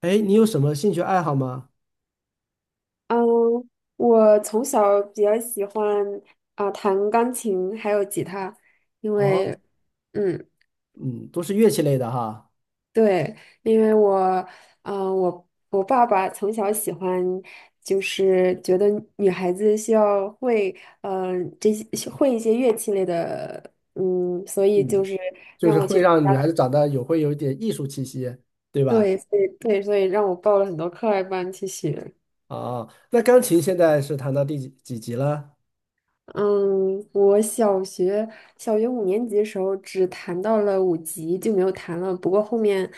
哎，你有什么兴趣爱好吗？嗯，我从小比较喜欢啊、弹钢琴还有吉他，因啊，为嗯嗯，都是乐器类的哈。对，因为我我爸爸从小喜欢，就是觉得女孩子需要会这些会一些乐器类的，嗯，所以就嗯，是就让是我去，会让女孩子长得会有一点艺术气息，对吧？对，所以对，所以让我报了很多课外班去学。啊，那钢琴现在是弹到第几级了？嗯，我小学5年级的时候只弹到了5级，就没有弹了。不过后面，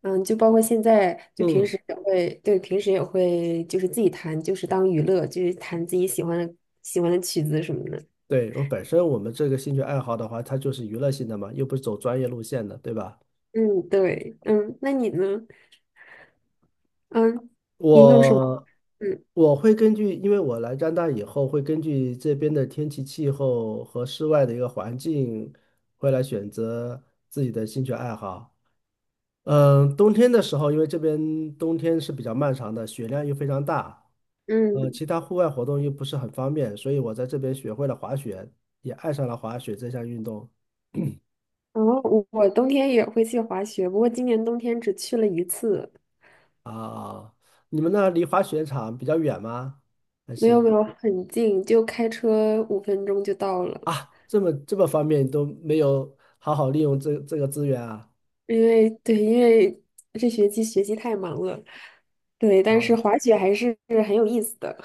嗯，就包括现在，就平嗯，时也会，对，平时也会就是自己弹，就是当娱乐，就是弹自己喜欢的曲子什么的。对，我本身我们这个兴趣爱好的话，它就是娱乐性的嘛，又不是走专业路线的，对吧？嗯，对，嗯，那你呢？嗯，你有什么？我嗯我会根据，因为我来加拿大以后，会根据这边的天气、气候和室外的一个环境，会来选择自己的兴趣爱好。嗯，冬天的时候，因为这边冬天是比较漫长的，雪量又非常大，嗯，其他户外活动又不是很方便，所以我在这边学会了滑雪，也爱上了滑雪这项运动然后我冬天也会去滑雪，不过今年冬天只去了一次。啊。你们那离滑雪场比较远吗？还没有是没有很近，就开车5分钟就到了。啊，这么方便都没有好好利用这个资源啊？因为对，因为这学期学习太忙了，对，但是哦，滑雪还是很有意思的。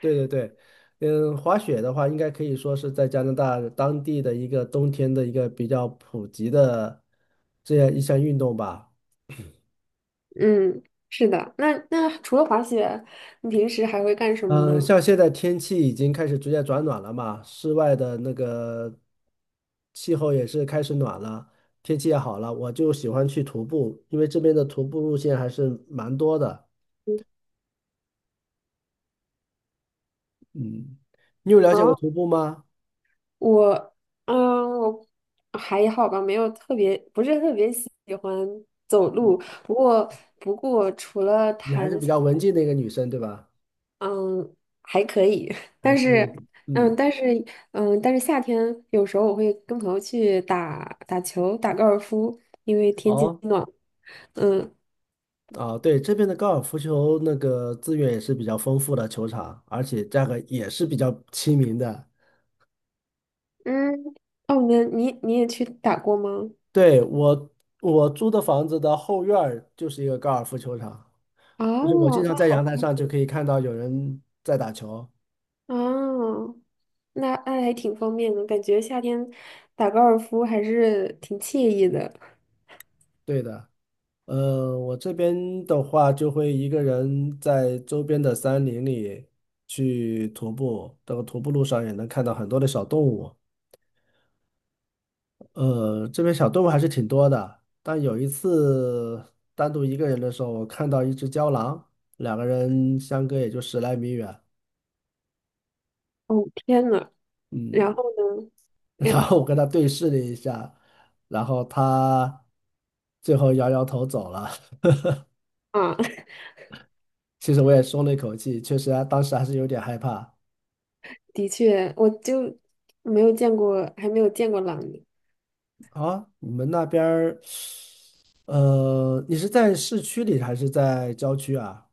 对对对，嗯，滑雪的话，应该可以说是在加拿大当地的一个冬天的一个比较普及的这样一项运动吧。嗯，是的。那那除了滑雪，你平时还会干什么嗯，呢？像现在天气已经开始逐渐转暖了嘛，室外的那个气候也是开始暖了，天气也好了，我就喜欢去徒步，因为这边的徒步路线还是蛮多的。嗯，你有了解过啊，徒步吗？我，我还好吧，没有特别，不是特别喜欢走路。嗯，不过，不过除了你还是弹比琴，较文静的一个女生，对吧？嗯，还可以，还但可是，以。嗯，嗯，但是，嗯，但是夏天有时候我会跟朋友去打打球、打高尔夫，因为天气哦，暖。嗯。啊，对，这边的高尔夫球那个资源也是比较丰富的球场，而且价格也是比较亲民的。嗯，哦，你也去打过吗？对，我租的房子的后院儿就是一个高尔夫球场，就是我哦，经那常在阳好。台上就可以看到有人在打球。哦，那那还挺方便的，感觉夏天打高尔夫还是挺惬意的。对的，我这边的话就会一个人在周边的山林里去徒步，这个徒步路上也能看到很多的小动物。这边小动物还是挺多的，但有一次单独一个人的时候，我看到一只郊狼，两个人相隔也就十来米远。哦，天呐，然嗯。后呢？然哎。后我跟他对视了一下，然后他最后摇摇头走了。啊，其实我也松了一口气，确实啊，当时还是有点害怕。的确，我就没有见过，还没有见过狼。啊，你们那边儿，你是在市区里还是在郊区啊？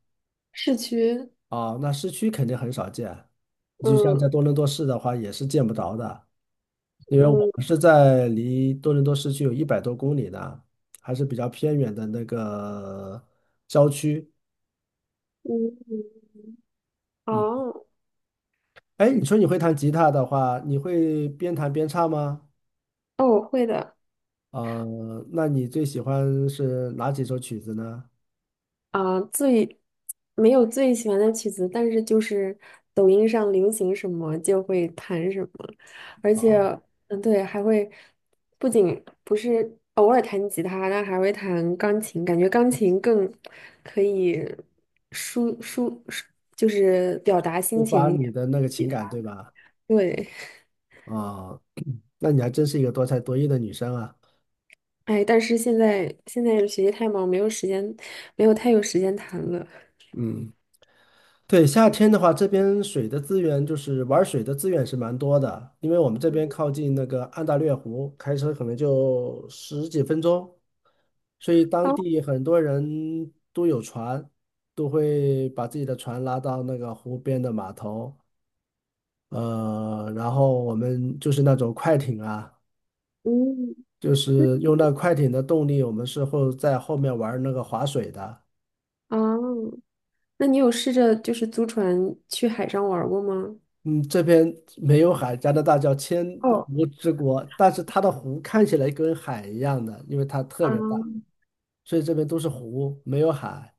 市区。啊，那市区肯定很少见，就像在嗯。多伦多市的话，也是见不着的，因为我嗯。们是在离多伦多市区有一百多公里的，还是比较偏远的那个郊区。嗯。嗯，哦。哎，你说你会弹吉他的话，你会边弹边唱吗？哦，我会的。啊，那你最喜欢是哪几首曲子呢？啊，没有最喜欢的曲子，但是就是抖音上流行什么就会弹什么，而且啊，对，还会不仅不是偶尔弹吉他，但还会弹钢琴，感觉钢琴更可以抒抒抒，就是表达抒心情发一你点。的那个情感，对吧？对。啊，那你还真是一个多才多艺的女生啊。哎，但是现在学习太忙，没有时间，没有太有时间谈了。嗯，对，夏天的话，这边水的资源就是玩水的资源是蛮多的，因为我们这边靠近那个安大略湖，开车可能就十几分钟。所以哦。当地很多人都有船，都会把自己的船拉到那个湖边的码头，然后我们就是那种快艇啊，嗯。就是用那快艇的动力，我们是会在后面玩那个划水的。哦，那你有试着就是租船去海上玩儿过吗？嗯，这边没有海，加拿大叫千哦。湖之国，但是它的湖看起来跟海一样的，因为它特啊。别大，所以这边都是湖，没有海。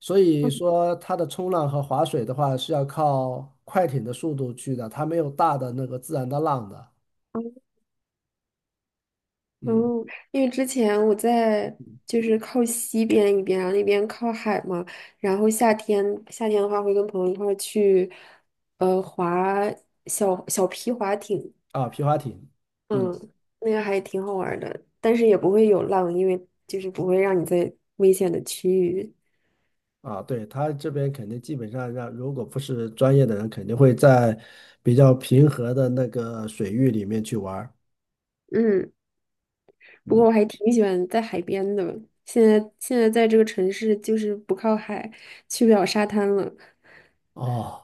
所以说它的冲浪和划水的话是要靠快艇的速度去的，它没有大的那个自然的浪的。哦。嗯，哦，因为之前我在就是靠西边一边啊，然后那边靠海嘛，然后夏天的话会跟朋友一块儿去，划小小皮划艇，啊，皮划艇，嗯，嗯，那个还挺好玩儿的，但是也不会有浪，因为就是不会让你在危险的区域。啊，对，它这边肯定基本上让，如果不是专业的人，肯定会在比较平和的那个水域里面去玩儿。嗯，不过我还挺喜欢在海边的。现在在这个城市就是不靠海，去不了沙滩了。哦，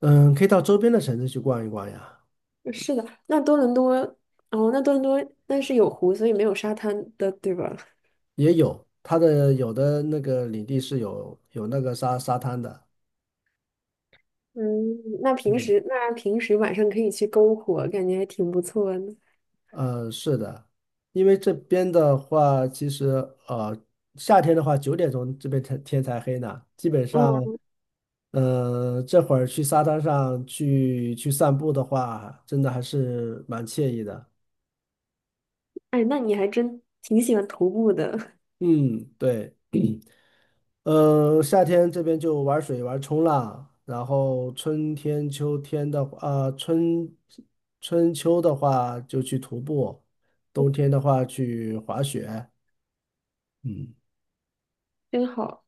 嗯，可以到周边的城市去逛一逛呀，是的，那多伦多，哦，那多伦多那是有湖，所以没有沙滩的，对吧？也有它的有的那个领地是有那个沙滩的。嗯，那平嗯时那平时晚上可以去篝火，感觉还挺不错的。嗯，是的，因为这边的话，其实呃，夏天的话，9点钟这边天才黑呢。基本上，嗯。嗯、这会儿去沙滩上去散步的话，真的还是蛮惬意的。哎，那你还真挺喜欢徒步的，嗯，对，嗯、夏天这边就玩水、玩冲浪，然后春天、秋天的话，啊、春春秋的话就去徒步，冬天的话去滑雪。嗯。真好。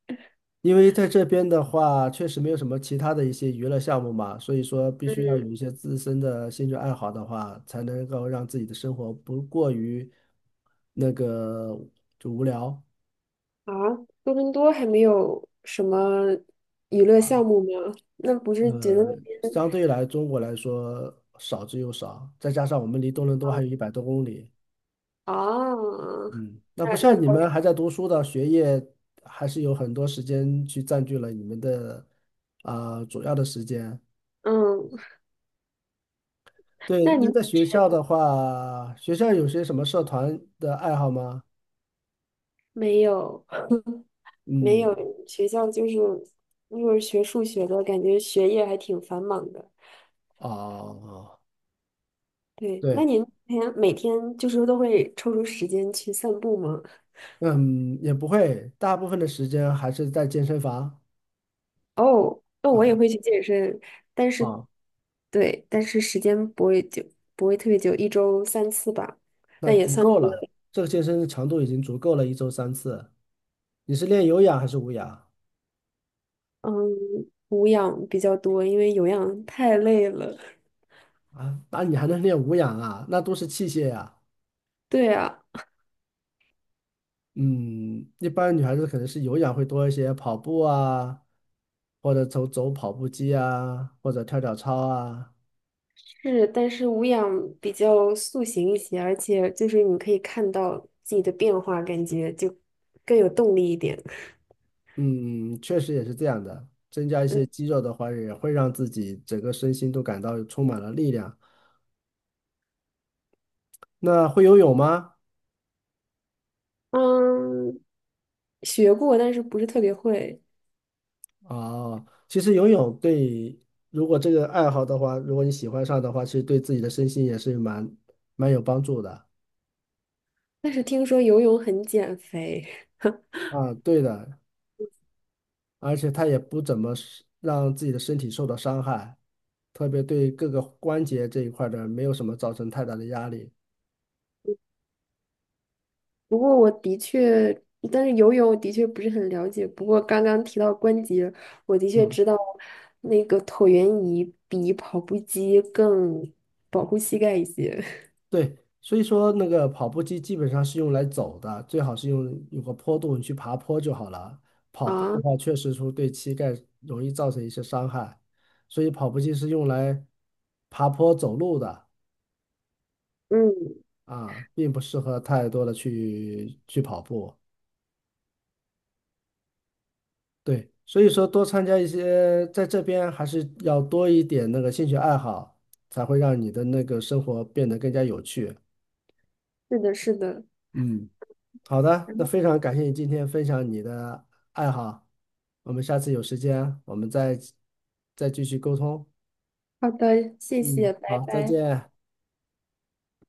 因为在这边的话，确实没有什么其他的一些娱乐项目嘛，所以说必须要嗯。有一些自身的兴趣爱好的话，才能够让自己的生活不过于那个就无聊。啊，多伦多还没有什么娱乐项目吗？那不是觉得那呃，边相对来中国来说少之又少，再加上我们离多伦多还有一百多公里，啊，嗯，那不那像你倒是，们还在读书的，学业还是有很多时间去占据了你们的主要的时间。嗯，对，那那您在学校的话，学校有些什么社团的爱好吗？没有没有嗯，学校就是，如果是学数学的，感觉学业还挺繁忙的。哦，对，那对，您每天就是都会抽出时间去散步吗？嗯，也不会，大部分的时间还是在健身房哦，那我也啊会去健身，但是啊。对，但是时间不会久，不会特别久，一周3次吧。那但也足算。够了，这个健身的强度已经足够了，一周三次。你是练有氧还是无氧嗯，无氧比较多，因为有氧太累了。啊？那你还能练无氧啊？那都是器械呀、对啊，嗯，一般女孩子可能是有氧会多一些，跑步啊，或者走走跑步机啊，或者跳跳操啊。是，但是无氧比较塑形一些，而且就是你可以看到自己的变化，感觉就更有动力一点。嗯，确实也是这样的。增加一些肌肉的话，也会让自己整个身心都感到充满了力量。那会游泳吗？嗯，学过，但是不是特别会。哦，其实游泳对，如果这个爱好的话，如果你喜欢上的话，其实对自己的身心也是蛮有帮助的。但是听说游泳很减肥。啊，对的，而且它也不怎么是让自己的身体受到伤害，特别对各个关节这一块儿的没有什么造成太大的压力。不过我的确，但是游泳我的确不是很了解。不过刚刚提到关节，我的确嗯。知道那个椭圆仪比跑步机更保护膝盖一些。对，所以说那个跑步机基本上是用来走的，最好是用有个坡度，你去爬坡就好了。跑步的啊，话，确实说对膝盖容易造成一些伤害，所以跑步机是用来爬坡走路的嗯，啊，并不适合太多的去跑步。对，所以说多参加一些，在这边还是要多一点那个兴趣爱好，才会让你的那个生活变得更加有趣。是的，是的。嗯。好的，那非常感谢你今天分享你的爱好，我们下次有时间我们再继续沟通。好的，谢谢，嗯，拜好，再拜。见。